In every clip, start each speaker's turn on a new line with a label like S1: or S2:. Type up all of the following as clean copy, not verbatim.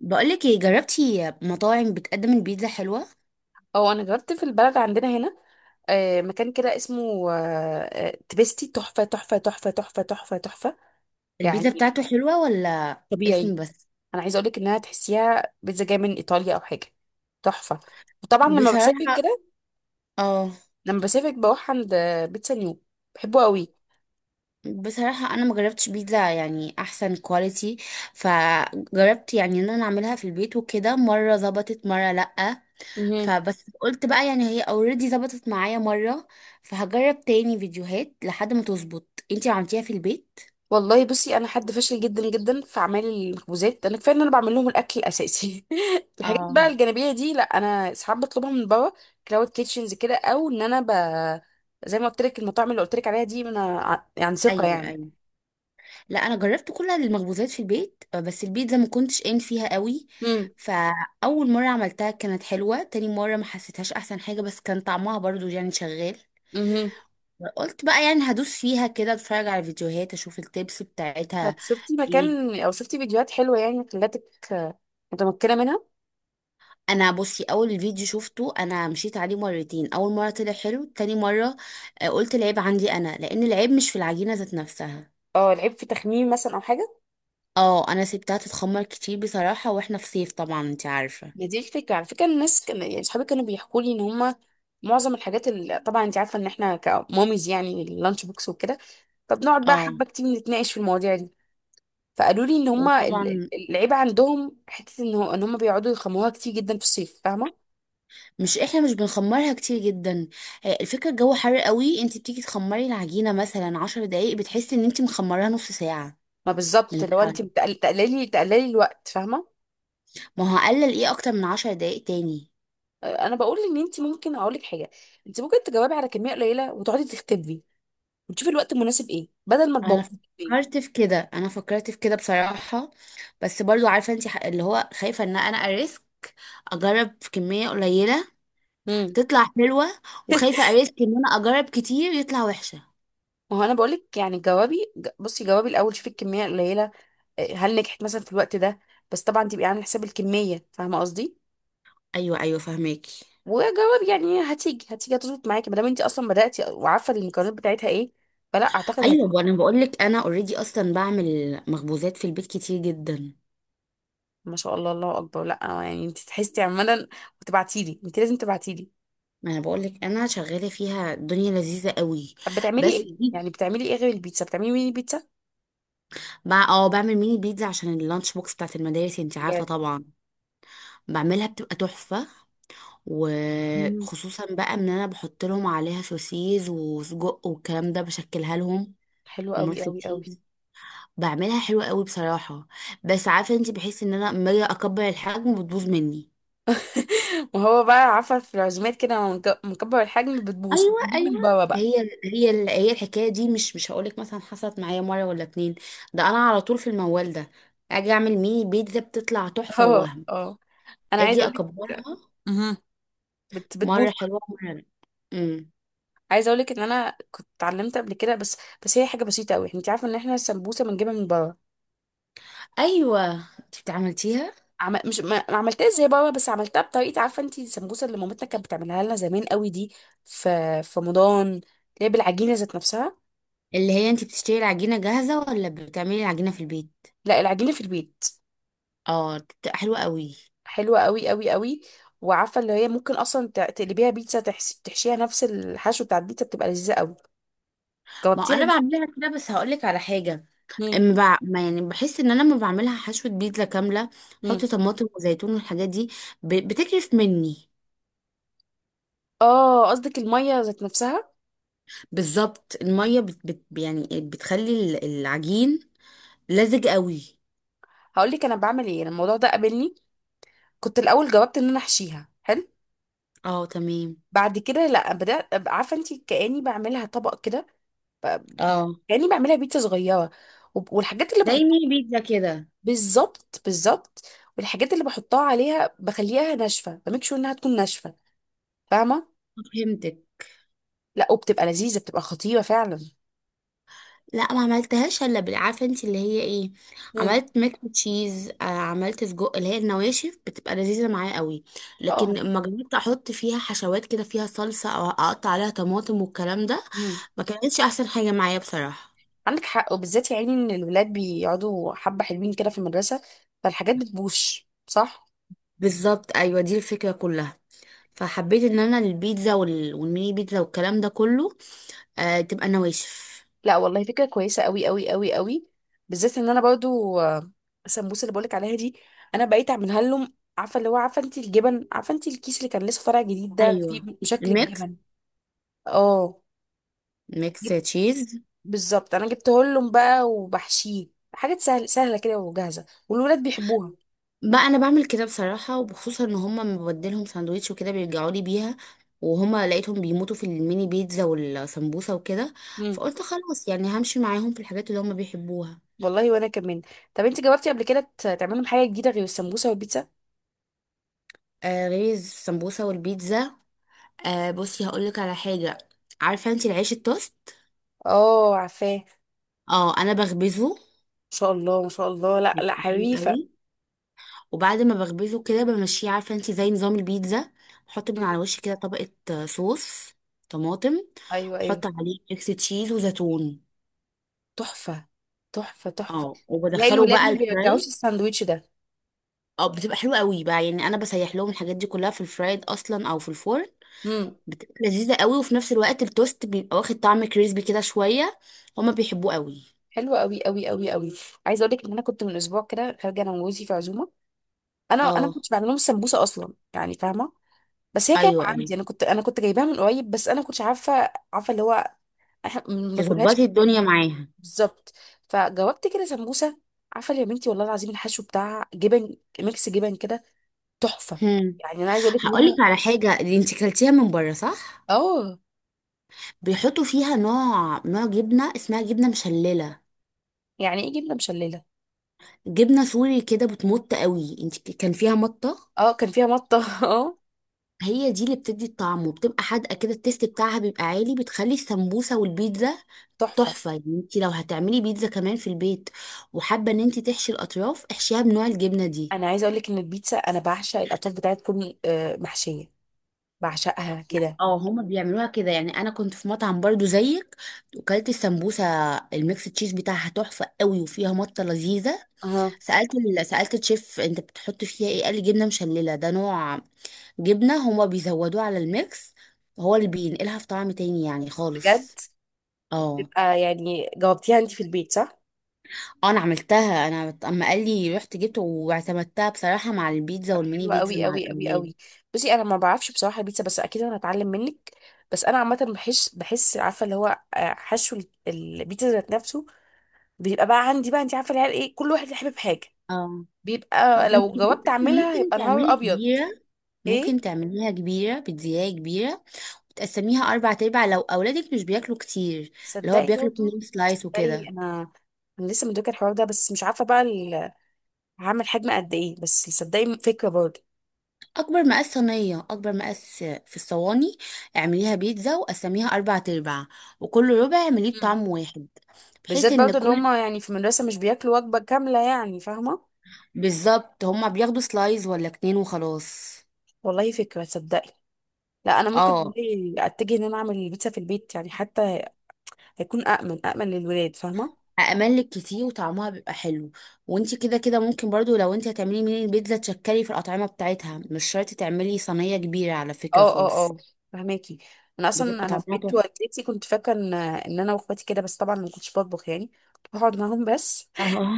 S1: بقولك ايه، جربتي مطاعم بتقدم البيتزا حلوة؟
S2: اه، انا جربت في البلد عندنا هنا. مكان كده اسمه تبستي. تحفه تحفه تحفه تحفه تحفه تحفه.
S1: البيتزا
S2: يعني
S1: بتاعته حلوة ولا اسم
S2: طبيعي.
S1: بس؟
S2: انا عايزه اقولك انها تحسيها بيتزا جايه من ايطاليا او حاجه. تحفه. وطبعا لما بسافر
S1: بصراحة.
S2: كده،
S1: اه.
S2: لما بسافر بروح عند بيتزا نيو. بحبه
S1: بصراحة انا ما جربتش بيتزا يعني احسن كواليتي. فجربت يعني ان انا اعملها في البيت وكده، مرة ظبطت مرة لأ.
S2: قوي.
S1: فبس قلت بقى يعني هي اوريدي ظبطت معايا مرة. فهجرب تاني فيديوهات لحد ما تظبط. انتي عملتيها في البيت؟
S2: والله بصي، انا حد فاشل جدا جدا في اعمال المخبوزات. انا كفايه ان انا بعمل لهم الاكل الاساسي. الحاجات بقى
S1: اه.
S2: الجانبيه دي لا، انا ساعات بطلبها من بابا كلاود كيتشنز كده، او ان انا ب... زي ما قلت لك، المطاعم اللي قلت لك عليها دي انا يعني ثقه
S1: ايوه،
S2: يعني.
S1: ايوه. لا، انا جربت كل المخبوزات في البيت، بس البيتزا ما كنتش قايم فيها قوي.
S2: امم.
S1: فاول مره عملتها كانت حلوه، تاني مره ما حسيتهاش احسن حاجه، بس كان طعمها برضو يعني شغال.
S2: امم.
S1: قلت بقى يعني هدوس فيها كده، اتفرج على فيديوهات، اشوف التيبس
S2: طب
S1: بتاعتها.
S2: شفتي
S1: ايه.
S2: مكان او شفتي فيديوهات حلوه يعني خلاتك، آه، متمكنه منها؟
S1: انا بصي، اول فيديو شفته انا مشيت عليه مرتين. اول مره طلع حلو، تاني مره قلت العيب عندي انا، لان العيب مش في العجينه ذات نفسها.
S2: اه، العيب في تخميم مثلا او حاجه؟
S1: اه، انا سبتها تتخمر كتير بصراحه، واحنا في صيف طبعا انت عارفه.
S2: ما دي الفكره على فكره، الناس كان يعني صحابي كانوا بيحكوا لي ان هم معظم الحاجات اللي طبعا انت عارفه ان احنا كماميز يعني، اللانش بوكس وكده. طب نقعد بقى
S1: اه.
S2: حبة كتير نتناقش في المواضيع دي. فقالوا لي ان هما
S1: وطبعا
S2: العيب عندهم حتة ان ان هما بيقعدوا يخموها كتير جدا في الصيف، فاهمة؟
S1: مش احنا، مش بنخمرها كتير جدا. الفكرة الجو حر قوي، انت بتيجي تخمري العجينة مثلا 10 دقايق بتحسي ان انت مخمراها نص ساعة.
S2: ما
S1: من
S2: بالظبط، لو
S1: الحر.
S2: انت تقللي الوقت، فاهمة؟
S1: ما هو هقلل ايه اكتر من 10 دقايق تاني؟
S2: انا بقول ان انت ممكن اقول لك حاجة، انت ممكن تجاوبي على كمية قليلة وتقعدي تختبي وتشوفي الوقت المناسب ايه، بدل ما
S1: انا
S2: تبوظي.
S1: فكرت في كده، انا فكرت في كده بصراحة. بس برضو عارفة انت اللي هو خايفة ان انا اريسك. اجرب في كمية قليلة
S2: امم.
S1: تطلع حلوة، وخايفة اريسك ان انا اجرب كتير يطلع وحشة.
S2: ما هو انا بقول لك يعني جوابي بصي، جوابي الاول شوفي الكمية القليلة. هل نجحت مثلا في الوقت ده؟ بس طبعا تبقي عامله حساب الكمية، فاهمة قصدي؟
S1: ايوه، ايوه، فهماكي.
S2: وجواب يعني هتيجي، هتيجي هتظبط معاكي، ما دام انت اصلا بدأتي وعارفه المكونات بتاعتها ايه. فلا اعتقد هتيجي.
S1: ايوه، انا بقول لك انا اوريدي اصلا بعمل مخبوزات في البيت كتير جدا.
S2: ما شاء الله، الله اكبر. لا، يعني انت تحسي عمالا وتبعتي لي، انت لازم تبعتي لي.
S1: ما انا بقول لك، انا شغاله فيها، الدنيا لذيذه قوي.
S2: طب بتعملي
S1: بس
S2: ايه
S1: دي
S2: يعني؟ بتعملي ايه غير البيتزا؟ بتعملي مين البيتزا؟
S1: بقى، بعمل ميني بيتزا عشان اللانش بوكس بتاعت المدارس انت عارفه
S2: حاجات.
S1: طبعا. بعملها بتبقى تحفه.
S2: مم.
S1: وخصوصا بقى ان انا بحط لهم عليها سوسيز وسجق والكلام ده، بشكلها لهم.
S2: حلو قوي
S1: وميكس
S2: قوي قوي.
S1: تشيز. بعملها حلوه قوي بصراحه. بس عارفه انت، بحس ان انا لما اجي اكبر الحجم بتبوظ مني.
S2: وهو بقى عارفه، في العزومات كده لما مكبر الحجم بتبوظ
S1: ايوه،
S2: فبيجيب
S1: ايوه.
S2: من بره بقى.
S1: هي هي الحكايه دي مش هقولك مثلا حصلت معايا مره ولا اتنين. ده انا على طول في الموال ده. اجي اعمل ميني بيتزا بتطلع تحفه
S2: اه
S1: ووهم.
S2: اه، انا عايزه
S1: اجي
S2: اقول لك،
S1: اكبرها. مره
S2: بتبوظ.
S1: حلوه مره لأ. امم.
S2: عايزه اقولك ان انا كنت اتعلمت قبل كده، بس بس هي حاجه بسيطه قوي، انت عارفه ان احنا السمبوسه بنجيبها من بره.
S1: ايوه، انت بتعملتيها؟
S2: مش ما عملتهاش زي بابا، بس عملتها بطريقه. عارفه انت السمبوسه اللي مامتنا كانت بتعملها لنا زمان قوي دي، في رمضان؟ اللي هي بالعجينه ذات نفسها.
S1: اللي هي انت بتشتري العجينه جاهزه ولا بتعملي العجينه في البيت؟
S2: لا، العجينه في البيت.
S1: اه، بتبقى حلوه قوي.
S2: حلوه قوي قوي قوي. وعارفه اللي هي ممكن اصلا تقلبيها بيتزا، تحشي... تحشيها نفس الحشو بتاع البيتزا بتبقى لذيذه قوي.
S1: ما
S2: جاوبتيها
S1: انا
S2: دي؟
S1: بعملها كده، بس هقولك على حاجه.
S2: مم.
S1: ما يعني بحس ان انا لما بعملها حشوه بيتزا كامله.
S2: مم.
S1: احط طماطم وزيتون والحاجات دي. بتكرف مني.
S2: اه، قصدك الميه ذات نفسها.
S1: بالظبط المية بت يعني بتخلي العجين لزج قوي.
S2: هقول لك انا بعمل ايه. أنا الموضوع ده قابلني. كنت الاول جاوبت ان انا احشيها حلو.
S1: اه، تمام.
S2: بعد كده لا، بدات أبقى عارفه انت كاني بعملها طبق كده. ب-
S1: اه.
S2: كاني بعملها بيتزا صغيره، والحاجات اللي
S1: زي
S2: بحطها.
S1: ميني بيتزا كده.
S2: بالظبط بالظبط. والحاجات اللي بحطها عليها بخليها ناشفه، بميك شور انها تكون ناشفه. فاهمه؟
S1: فهمتك.
S2: لا وبتبقى لذيذه، بتبقى خطيره فعلا.
S1: لا، ما عملتهاش الا عارفه انت اللي هي ايه.
S2: مم.
S1: عملت ميك تشيز، عملت سجق. اللي هي النواشف بتبقى لذيذه معايا قوي. لكن
S2: اه.
S1: اما جربت احط فيها حشوات كده، فيها صلصه او اقطع عليها طماطم والكلام ده،
S2: امم.
S1: ما كانتش احسن حاجه معايا بصراحه.
S2: عندك حق، وبالذات يا عيني ان الولاد بيقعدوا حبه حلوين كده في المدرسه، فالحاجات بتبوش، صح؟
S1: بالظبط، ايوه، دي الفكرة كلها. فحبيت ان انا البيتزا والميني بيتزا والكلام ده كله تبقى نواشف.
S2: لا والله، فكرة كويسة قوي قوي قوي قوي. بالذات ان انا برضو، السمبوسة اللي بقولك عليها دي انا بقيت اعملها لهم. عارفة اللي هو، عارفة انت الجبن، عارفة انت الكيس اللي كان لسه طالع جديد ده، فيه
S1: ايوه.
S2: شكل
S1: ميكس
S2: الجبن؟ اه.
S1: ميكس
S2: جب-
S1: تشيز.
S2: بالظبط، انا جبته لهم بقى وبحشيه حاجات سهلة كده وجاهزة، والولاد بيحبوها.
S1: بقى انا بعمل كده بصراحه، وبخصوصا ان هما لما ببدلهم ساندوتش وكده بيرجعوا لي بيها. وهما لقيتهم بيموتوا في الميني بيتزا والسمبوسه وكده.
S2: امم.
S1: فقلت خلاص، يعني همشي معاهم في الحاجات اللي هما بيحبوها.
S2: والله وانا كمان. طب انت جربتي قبل كده تعملي لهم حاجة جديدة غير السمبوسة والبيتزا؟
S1: غير السمبوسه والبيتزا. بصي هقول لك على حاجه. عارفه انت العيش التوست؟
S2: اه عارفاه، ما
S1: اه، انا بخبزه.
S2: شاء الله ما شاء الله. لا لا
S1: بيبقى حلو
S2: حريفة.
S1: قوي. وبعد ما بخبزه كده بمشيه، عارفه انت، زي نظام البيتزا. بحط من
S2: مم.
S1: على وشي كده طبقه صوص طماطم.
S2: ايوه ايوه.
S1: بحط عليه ميكس تشيز وزيتون.
S2: تحفة تحفة تحفة.
S1: اه،
S2: تلاقي
S1: وبدخله
S2: الولاد
S1: بقى
S2: ما بيرجعوش
S1: الفراي.
S2: الساندوتش ده.
S1: اه، بتبقى حلوه قوي بقى، يعني انا بسيح لهم الحاجات دي كلها في الفرايد اصلا او في الفرن.
S2: امم.
S1: بتبقى لذيذه قوي، وفي نفس الوقت التوست بيبقى واخد طعم كريسبي كده شويه. هما بيحبوه قوي.
S2: حلو قوي قوي قوي قوي. عايزه اقول لك ان انا كنت من اسبوع كده خارجه انا وجوزي في عزومه. انا ما
S1: اه،
S2: كنتش بعمل لهم سمبوسه اصلا يعني، فاهمه؟ بس هي كانت
S1: ايوه، ايوه،
S2: عندي، انا كنت جايباها من قريب. بس انا ما كنتش عارفه، عارفه اللي هو احنا ما بناكلهاش.
S1: تظبطي الدنيا معاها.
S2: بالظبط. فجاوبت كده سمبوسه. عارفه يا بنتي والله العظيم، الحشو بتاع جبن ميكس جبن كده، تحفه.
S1: هم.
S2: يعني انا عايزه اقول لك ان
S1: هقولك
S2: انا.
S1: على حاجه. دي انت كلتيها من بره، صح؟
S2: اه.
S1: بيحطوا فيها نوع جبنة اسمها جبنة مشللة.
S2: يعني ايه جبنه مشلله؟
S1: جبنة سوري كده بتمط قوي، انت كان فيها مطة.
S2: اه، كان فيها مطه. اه،
S1: هي دي اللي بتدي الطعم وبتبقى حادقة كده، التيست بتاعها بيبقى عالي، بتخلي السمبوسة والبيتزا
S2: تحفه.
S1: تحفة. يعني انت لو هتعملي بيتزا كمان في البيت وحابة ان انت تحشي الأطراف، احشيها بنوع الجبنة دي.
S2: انا عايزه اقول لك ان البيتزا، انا بعشق الاطراف بتاعتها تكون محشيه. بعشقها كده.
S1: اه، هما بيعملوها كده. يعني انا كنت في مطعم برضو زيك. وكلت السمبوسة. الميكس تشيز بتاعها تحفة قوي، وفيها مطة لذيذة.
S2: اها
S1: سألت سألت الشيف، انت بتحط فيها ايه؟ قال لي جبنة مشللة، ده نوع جبنة هما بيزودوه على الميكس. هو اللي بينقلها في طعم تاني يعني
S2: بجد.
S1: خالص. اه.
S2: تبقى يعني جاوبتيها انت في البيت، صح؟
S1: انا عملتها. انا اما قال لي رحت جبت واعتمدتها بصراحة، مع البيتزا
S2: طب
S1: والميني
S2: حلوه
S1: بيتزا
S2: قوي
S1: مع
S2: قوي قوي
S1: الأولاد.
S2: قوي. بصي انا ما بعرفش بصراحه البيتزا، بس اكيد انا هتعلم منك. بس انا عامه بحس، عارفه اللي هو، حشو البيتزا ذات نفسه بيبقى بقى عندي بقى. انت عارفه العيال ايه، كل واحد حابب حاجه.
S1: اه.
S2: بيبقى
S1: ما انت
S2: لو جاوبت
S1: ممكن
S2: اعملها
S1: ممكن
S2: هيبقى نهار
S1: تعملي
S2: ابيض.
S1: كبيرة.
S2: ايه.
S1: ممكن تعمليها كبيرة، بتزياية كبيرة. تقسميها أربع أرباع، لو أولادك مش بياكلوا كتير. اللي هو
S2: صدقي
S1: بياكلوا
S2: برضو.
S1: 2 سلايس
S2: صدقي
S1: وكده.
S2: انا، انا لسه مدركه الحوار ده، بس مش عارفه بقى هعمل حجم قد ايه. بس صدقي فكرة برضه.
S1: اكبر مقاس صينيه، اكبر مقاس في الصواني. اعمليها بيتزا وقسميها اربع ارباع. وكل ربع اعمليه
S2: مم.
S1: بطعم واحد. بحيث
S2: بالذات
S1: ان
S2: برضه، ان
S1: كل.
S2: هما يعني في المدرسة مش بياكلوا وجبة كاملة يعني، فاهمة؟
S1: بالظبط، هما بياخدوا سلايز ولا اتنين وخلاص.
S2: والله فكرة، تصدقي لا، انا ممكن
S1: اه.
S2: والله اتجه ان انا اعمل البيتزا في البيت يعني، حتى هيكون امن، للولاد، فاهمة؟
S1: املك كتير وطعمها بيبقى حلو. وانتي كده كده ممكن برضو، لو انتي هتعملي من البيتزا تشكلي في الاطعمه بتاعتها، مش شرط تعملي صينيه كبيره على فكره
S2: اه اه
S1: خالص.
S2: اه، فهماكي. انا اصلا
S1: بتبقى
S2: انا في
S1: طعمها
S2: بيت
S1: تحفه.
S2: والدتي كنت فاكره ان انا واخواتي كده، بس طبعا ما كنتش بطبخ يعني، كنت بقعد معاهم بس.
S1: اه.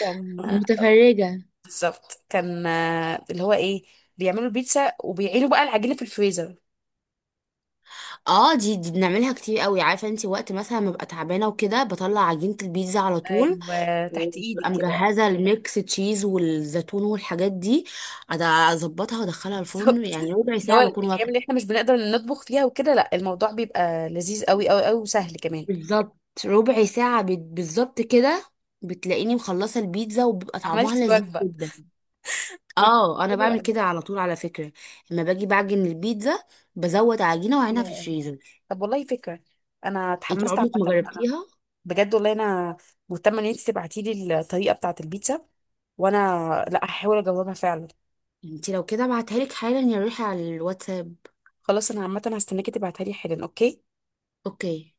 S2: كان.
S1: متفرجه.
S2: بالظبط كان اللي هو ايه، بيعملوا البيتزا وبيعينوا بقى العجينه في الفريزر.
S1: اه، دي بنعملها كتير قوي. عارفه انت وقت مثلا ما ببقى تعبانه وكده، بطلع عجينه البيتزا على طول.
S2: ايوه، تحت
S1: وببقى
S2: ايدك كده، اه.
S1: مجهزه الميكس تشيز والزيتون والحاجات دي. أد- اظبطها وادخلها الفرن،
S2: بالظبط.
S1: يعني ربع
S2: اللي هو
S1: ساعه بكون
S2: الايام اللي
S1: واكله.
S2: احنا مش بنقدر نطبخ فيها وكده، لا، الموضوع بيبقى لذيذ قوي قوي قوي وسهل كمان.
S1: بالظبط. ربع ساعه بالظبط كده. بتلاقيني مخلصه البيتزا، وبيبقى طعمها
S2: عملتي
S1: لذيذ
S2: وجبه.
S1: جدا.
S2: بت-
S1: اه، انا
S2: حلو
S1: بعمل
S2: قوي.
S1: كده على طول على فكره. لما باجي بعجن البيتزا، بزود عجينه واعينها في
S2: يا.
S1: الفريزر.
S2: طب والله فكره. انا
S1: انت
S2: اتحمست عامه
S1: عمرك ما
S2: انا.
S1: جربتيها؟
S2: بجد والله، انا مهتمه ان انت تبعتي لي الطريقه بتاعه البيتزا. وانا لا، هحاول اجاوبها فعلا.
S1: انت لو كده ابعتها لك حالا يا روحي على الواتساب.
S2: خلاص انا عامه هستناكي تبعتها لي حالا، اوكي.
S1: اوكي.